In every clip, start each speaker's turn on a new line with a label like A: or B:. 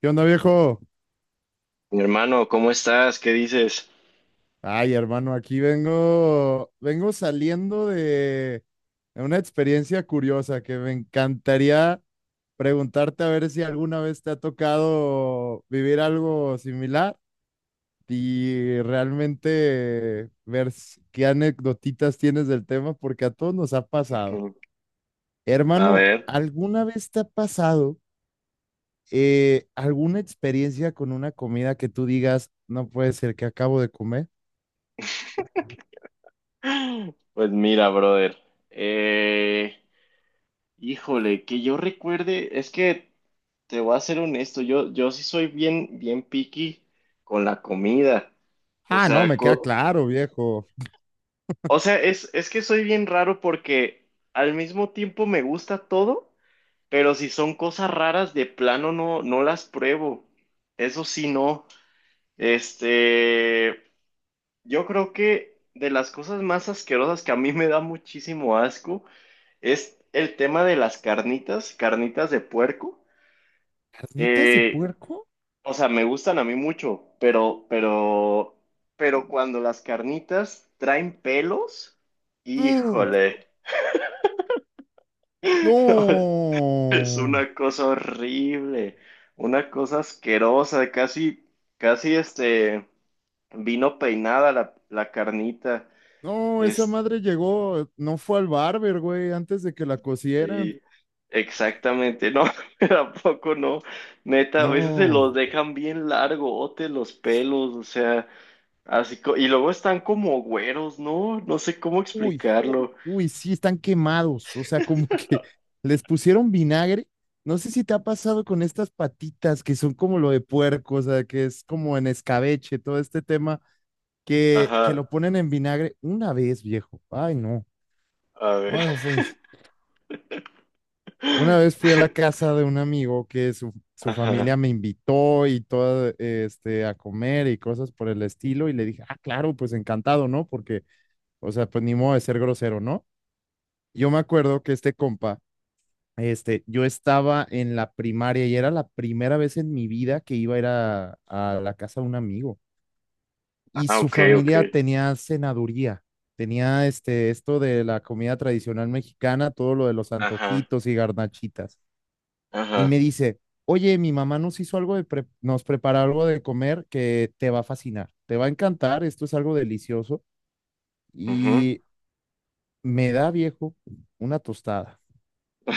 A: ¿Qué onda, viejo?
B: Mi hermano, ¿cómo estás? ¿Qué dices?
A: Ay, hermano, aquí vengo, vengo saliendo de una experiencia curiosa que me encantaría preguntarte a ver si alguna vez te ha tocado vivir algo similar y realmente qué anecdotitas tienes del tema, porque a todos nos ha pasado.
B: Ujú. A
A: Hermano,
B: ver,
A: ¿alguna vez te ha pasado alguna experiencia con una comida que tú digas, no puede ser que acabo de comer?
B: pues mira, brother. Eh, híjole, que yo recuerde, es que te voy a ser honesto, yo sí soy bien picky con la comida. O
A: Ah, no,
B: sea,
A: me queda claro, viejo.
B: o sea, es que soy bien raro porque al mismo tiempo me gusta todo, pero si son cosas raras, de plano no las pruebo. Eso sí, no. Este. Yo creo que de las cosas más asquerosas que a mí me da muchísimo asco es el tema de las carnitas, carnitas de puerco.
A: ¿Carnitas de
B: Eh,
A: puerco?
B: o sea, me gustan a mí mucho, pero cuando las carnitas traen pelos,
A: Mm,
B: híjole, es
A: no,
B: una cosa horrible, una cosa asquerosa, casi vino peinada la carnita.
A: no, esa madre llegó, no fue al barber, güey, antes de que la cocieran.
B: Sí, exactamente, no, tampoco no, neta, a veces se
A: No,
B: los dejan bien largotes los pelos, o sea, así, y luego están como güeros, ¿no? No sé cómo
A: uy,
B: explicarlo.
A: uy, sí, están quemados, o sea, como que les pusieron vinagre. No sé si te ha pasado con estas patitas que son como lo de puerco, o sea, que es como en escabeche, todo este tema, que
B: Ajá,
A: lo ponen en vinagre una vez, viejo. Ay, no.
B: a ver,
A: Bueno, pues. Una vez fui a la casa de un amigo que su
B: ajá,
A: familia me invitó y todo, este, a comer y cosas por el estilo, y le dije, ah, claro, pues encantado, ¿no? Porque, o sea, pues ni modo de ser grosero, ¿no? Yo me acuerdo que este compa, este, yo estaba en la primaria y era la primera vez en mi vida que iba a ir a la casa de un amigo, y
B: ah,
A: su
B: ok, ok,
A: familia tenía cenaduría. Tenía este, esto de la comida tradicional mexicana, todo lo de los
B: ajá,
A: antojitos y garnachitas. Y
B: ajá,
A: me dice, oye, mi mamá nos hizo nos preparó algo de comer que te va a fascinar, te va a encantar, esto es algo delicioso.
B: ujú.
A: Y me da, viejo, una tostada.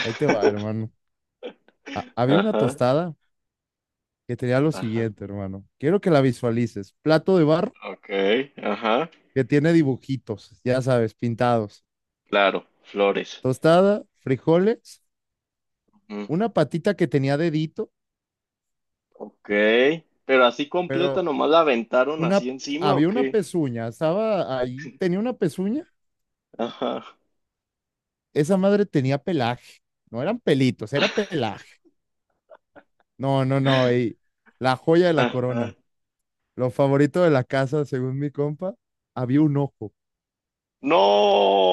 A: Ahí te va, hermano. Había una
B: Ajá,
A: tostada que tenía lo
B: ajá,
A: siguiente, hermano. Quiero que la visualices. Plato de barro
B: ok, ajá,
A: que tiene dibujitos, ya sabes, pintados.
B: claro, flores,
A: Tostada, frijoles,
B: ujú,
A: una patita que tenía dedito,
B: ok, pero así completa,
A: pero
B: nomás la aventaron
A: una,
B: así encima, ¿o
A: había una
B: qué?
A: pezuña, estaba ahí, tenía una pezuña,
B: Ajá.
A: esa madre tenía pelaje. No eran pelitos, era pelaje. No, no, no. Ey, la joya de la
B: Ajá.
A: corona. Lo favorito de la casa, según mi compa, había un ojo.
B: No,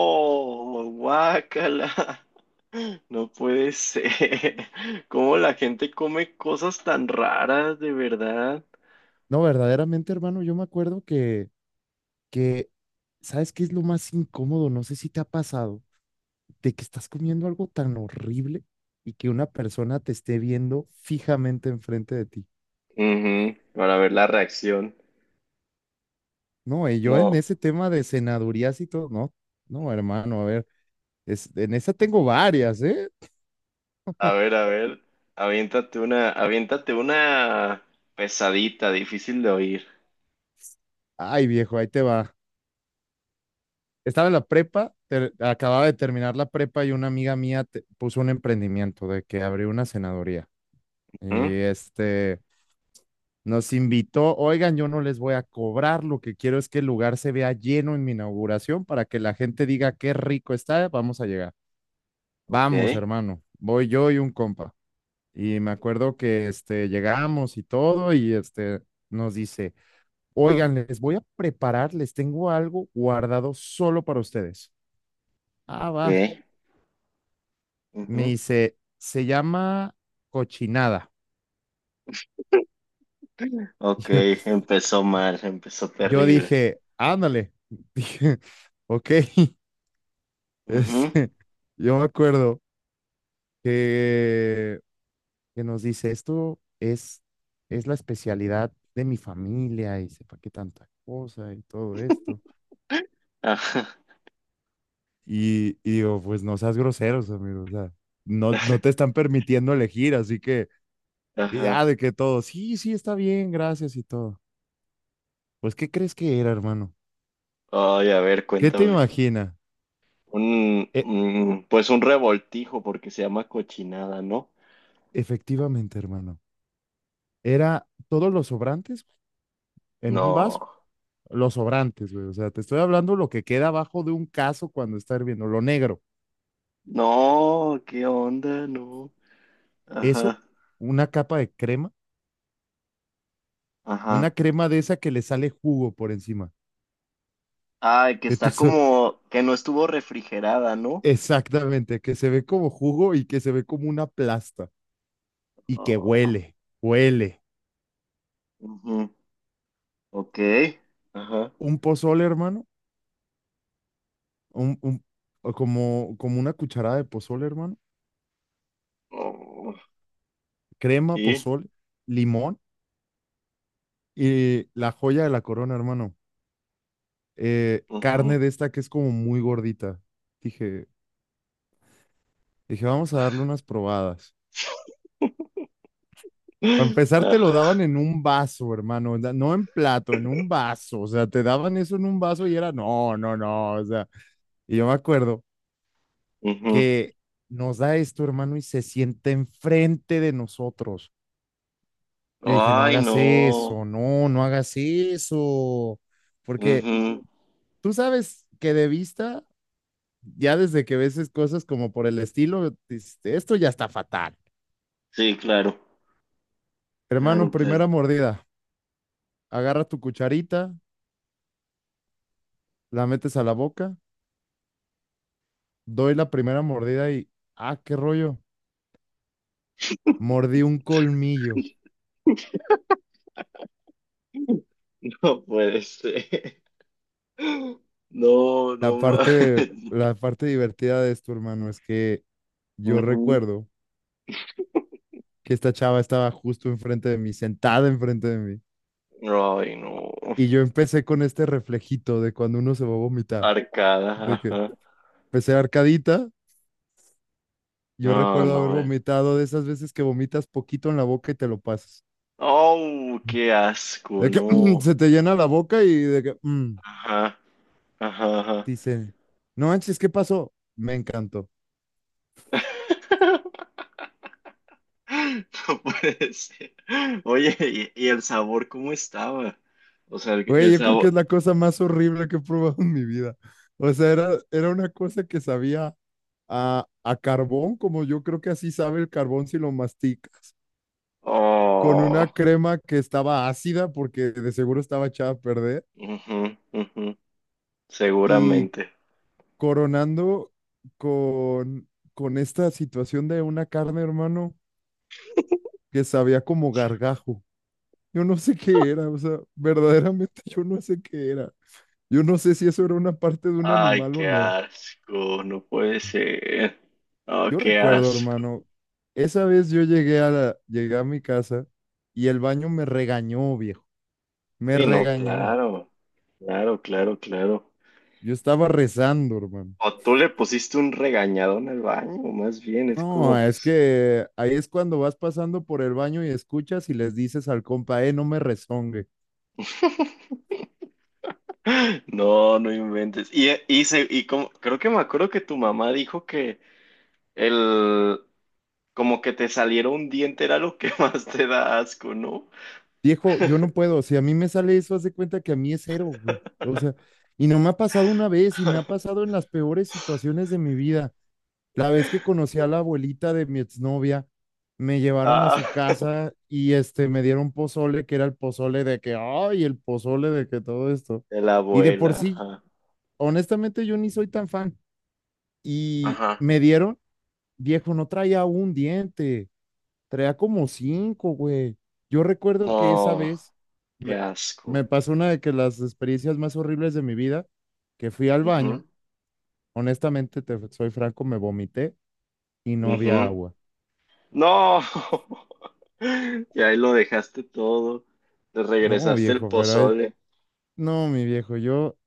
B: guácala. No puede ser. ¿Cómo la gente come cosas tan raras, de verdad?
A: No, verdaderamente, hermano, yo me acuerdo que, ¿sabes qué es lo más incómodo? No sé si te ha pasado, de que estás comiendo algo tan horrible y que una persona te esté viendo fijamente enfrente de ti.
B: Ujú, para ver la reacción.
A: No, y yo en
B: No,
A: ese tema de senadurías y todo, no, no, hermano, a ver, es, en esa tengo varias, ¿eh?
B: a ver, a ver. Aviéntate una pesadita, difícil de oír.
A: Ay, viejo, ahí te va. Estaba en la prepa, acababa de terminar la prepa y una amiga mía puso un emprendimiento de que abrió una senadoría. Y
B: Ujú,
A: este nos invitó, oigan, yo no les voy a cobrar, lo que quiero es que el lugar se vea lleno en mi inauguración para que la gente diga qué rico está, vamos a llegar.
B: ok,
A: Vamos, hermano, voy yo y un compa. Y me acuerdo que este llegamos y todo y este nos dice, oigan, les voy a preparar, les tengo algo guardado solo para ustedes. Ah, va.
B: ok,
A: Me
B: ujú.
A: dice, se llama cochinada.
B: Ok,
A: Yo,
B: empezó mal, empezó
A: yo
B: terrible.
A: dije, ándale. Dije, ok.
B: Ujú,
A: Este, yo me acuerdo que, que nos dice, esto es la especialidad de mi familia y sepa qué tanta cosa y todo esto.
B: ajá.
A: Y digo, pues no seas groseros, amigo. O sea, no, no te están permitiendo elegir, así que y
B: Ajá.
A: ya de que todo, sí, sí, está bien, gracias y todo. Pues, ¿qué crees que era, hermano?
B: Ay, a ver,
A: ¿Qué te
B: cuéntame.
A: imaginas?
B: Un,
A: E-
B: pues un revoltijo porque se llama cochinada, ¿no?
A: Efectivamente, hermano. Era todos los sobrantes en un vaso,
B: No.
A: los sobrantes, güey. O sea, te estoy hablando lo que queda abajo de un caso cuando está hirviendo, lo negro.
B: No, ¿qué onda? No.
A: Eso,
B: Ajá.
A: una capa de crema,
B: Ajá.
A: una crema de esa que le sale jugo por encima.
B: Ay, que
A: de tu
B: está
A: so-
B: como que no estuvo refrigerada, ¿no?
A: exactamente, que se ve como jugo y que se ve como una plasta y que
B: Ah,
A: huele, huele.
B: ujú. Ok. Ajá.
A: Un pozole, hermano, un, un- como, como una cucharada de pozole, hermano.
B: Oh,
A: Crema,
B: y
A: pozole, limón. Y la joya de la corona, hermano.
B: ujú.
A: Carne de esta que es como muy gordita. Dije, dije, vamos a darle unas probadas. Para empezar, te lo
B: Ah,
A: daban en un vaso, hermano. No en plato, en un vaso. O sea, te daban eso en un vaso y era, no, no, no. O sea, y yo me acuerdo
B: ujú.
A: que nos da esto, hermano, y se sienta enfrente de nosotros. Yo dije, no
B: Ay,
A: hagas
B: no.
A: eso, no, no hagas eso. Porque
B: Ujú.
A: tú sabes que de vista ya desde que ves cosas como por el estilo, dices, esto ya está fatal.
B: Sí, claro.
A: Hermano,
B: Claro,
A: primera
B: claro.
A: mordida, agarra tu cucharita, la metes a la boca, doy la primera mordida y, ah, qué rollo, mordí un colmillo.
B: No puede ser. No, no más.
A: La parte divertida de esto, hermano, es que yo
B: Ujú.
A: recuerdo que esta chava estaba justo enfrente de mí, sentada enfrente de mí,
B: Ay, no.
A: y yo empecé con este reflejito de cuando uno se va a vomitar,
B: Arcada,
A: de que
B: ajá.
A: empecé arcadita. Yo
B: No,
A: recuerdo haber
B: no, eh.
A: vomitado de esas veces que vomitas poquito en la boca y te lo pasas.
B: Oh, qué asco,
A: De que
B: no.
A: se te llena la boca y de que mm,
B: Ajá, ajá, ajá.
A: dice, no manches, ¿qué pasó? Me encantó.
B: No puede ser. Oye, ¿ y el sabor cómo estaba? O sea,
A: Güey,
B: el
A: yo creo que es
B: sabor.
A: la cosa más horrible que he probado en mi vida. O sea, era una cosa que sabía a carbón, como yo creo que así sabe el carbón si lo mastica, con
B: Oh,
A: una crema que estaba ácida porque de seguro estaba echada a perder
B: ujú,
A: y
B: seguramente.
A: coronando con, con esta situación de una carne, hermano, que sabía como gargajo. Yo no sé qué era, o sea, verdaderamente yo no sé qué era. Yo no sé si eso era una parte de un
B: Ay,
A: animal o
B: qué
A: no.
B: asco, no puede ser. Oh,
A: Yo
B: qué
A: recuerdo,
B: asco.
A: hermano, esa vez yo llegué a mi casa y el baño me regañó, viejo. Me
B: Sí, no,
A: regañó.
B: claro, claro, claro, claro.
A: Yo estaba rezando, hermano.
B: O tú le pusiste un regañadón al baño, más bien, es
A: No, es que ahí es cuando vas pasando por el baño y escuchas y les dices al compa, no me rezongue.
B: no, no inventes. Creo que me acuerdo que tu mamá dijo que el, como que te saliera un diente era lo que más te da asco, ¿no?
A: Viejo, yo no puedo. Si a mí me sale eso, haz de cuenta que a mí es cero, güey. O sea, y no me ha pasado una vez y me ha pasado en las peores situaciones de mi vida. La vez que conocí a la abuelita de mi exnovia, me llevaron a
B: Ah,
A: su casa y este me dieron pozole, que era el pozole de que, ay, el pozole de que todo esto.
B: de la
A: Y de por
B: abuela,
A: sí,
B: ajá.
A: honestamente, yo ni soy tan fan. Y
B: Ajá.
A: me dieron, viejo, no traía un diente. Traía como cinco, güey. Yo recuerdo que esa
B: No,
A: vez
B: qué
A: me,
B: asco.
A: me pasó una de que las experiencias más horribles de mi vida, que fui al
B: Ujú,
A: baño, honestamente, te soy franco, me vomité y no había
B: ujú.
A: agua.
B: No, y ahí lo dejaste todo, te
A: No,
B: regresaste el
A: viejo, pero ahí-
B: pozole.
A: no, mi viejo, yo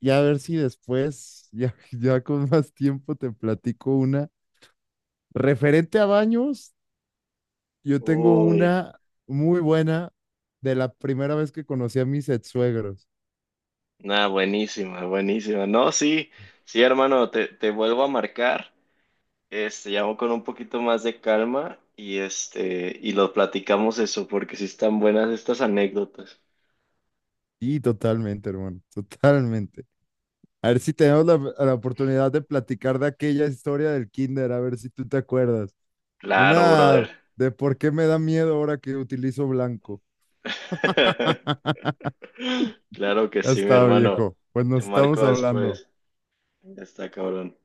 A: ya a ver si después, ya, ya con más tiempo te platico una. Referente a baños, yo tengo
B: Uy,
A: una muy buena de la primera vez que conocí a mis ex suegros.
B: nada, buenísima, buenísima. No, sí, sí, hermano, te vuelvo a marcar, llamo con un poquito más de calma y este, y lo platicamos eso, porque sí están buenas estas anécdotas.
A: Y totalmente, hermano, totalmente. A ver si tenemos la oportunidad de platicar de aquella historia del kinder, a ver si tú te acuerdas.
B: Claro,
A: Una
B: brother.
A: de por qué me da miedo ahora que utilizo blanco.
B: Claro que
A: Ya
B: sí, mi
A: está,
B: hermano.
A: viejo. Pues
B: Te
A: nos estamos
B: marco
A: hablando.
B: después. Ya está cabrón.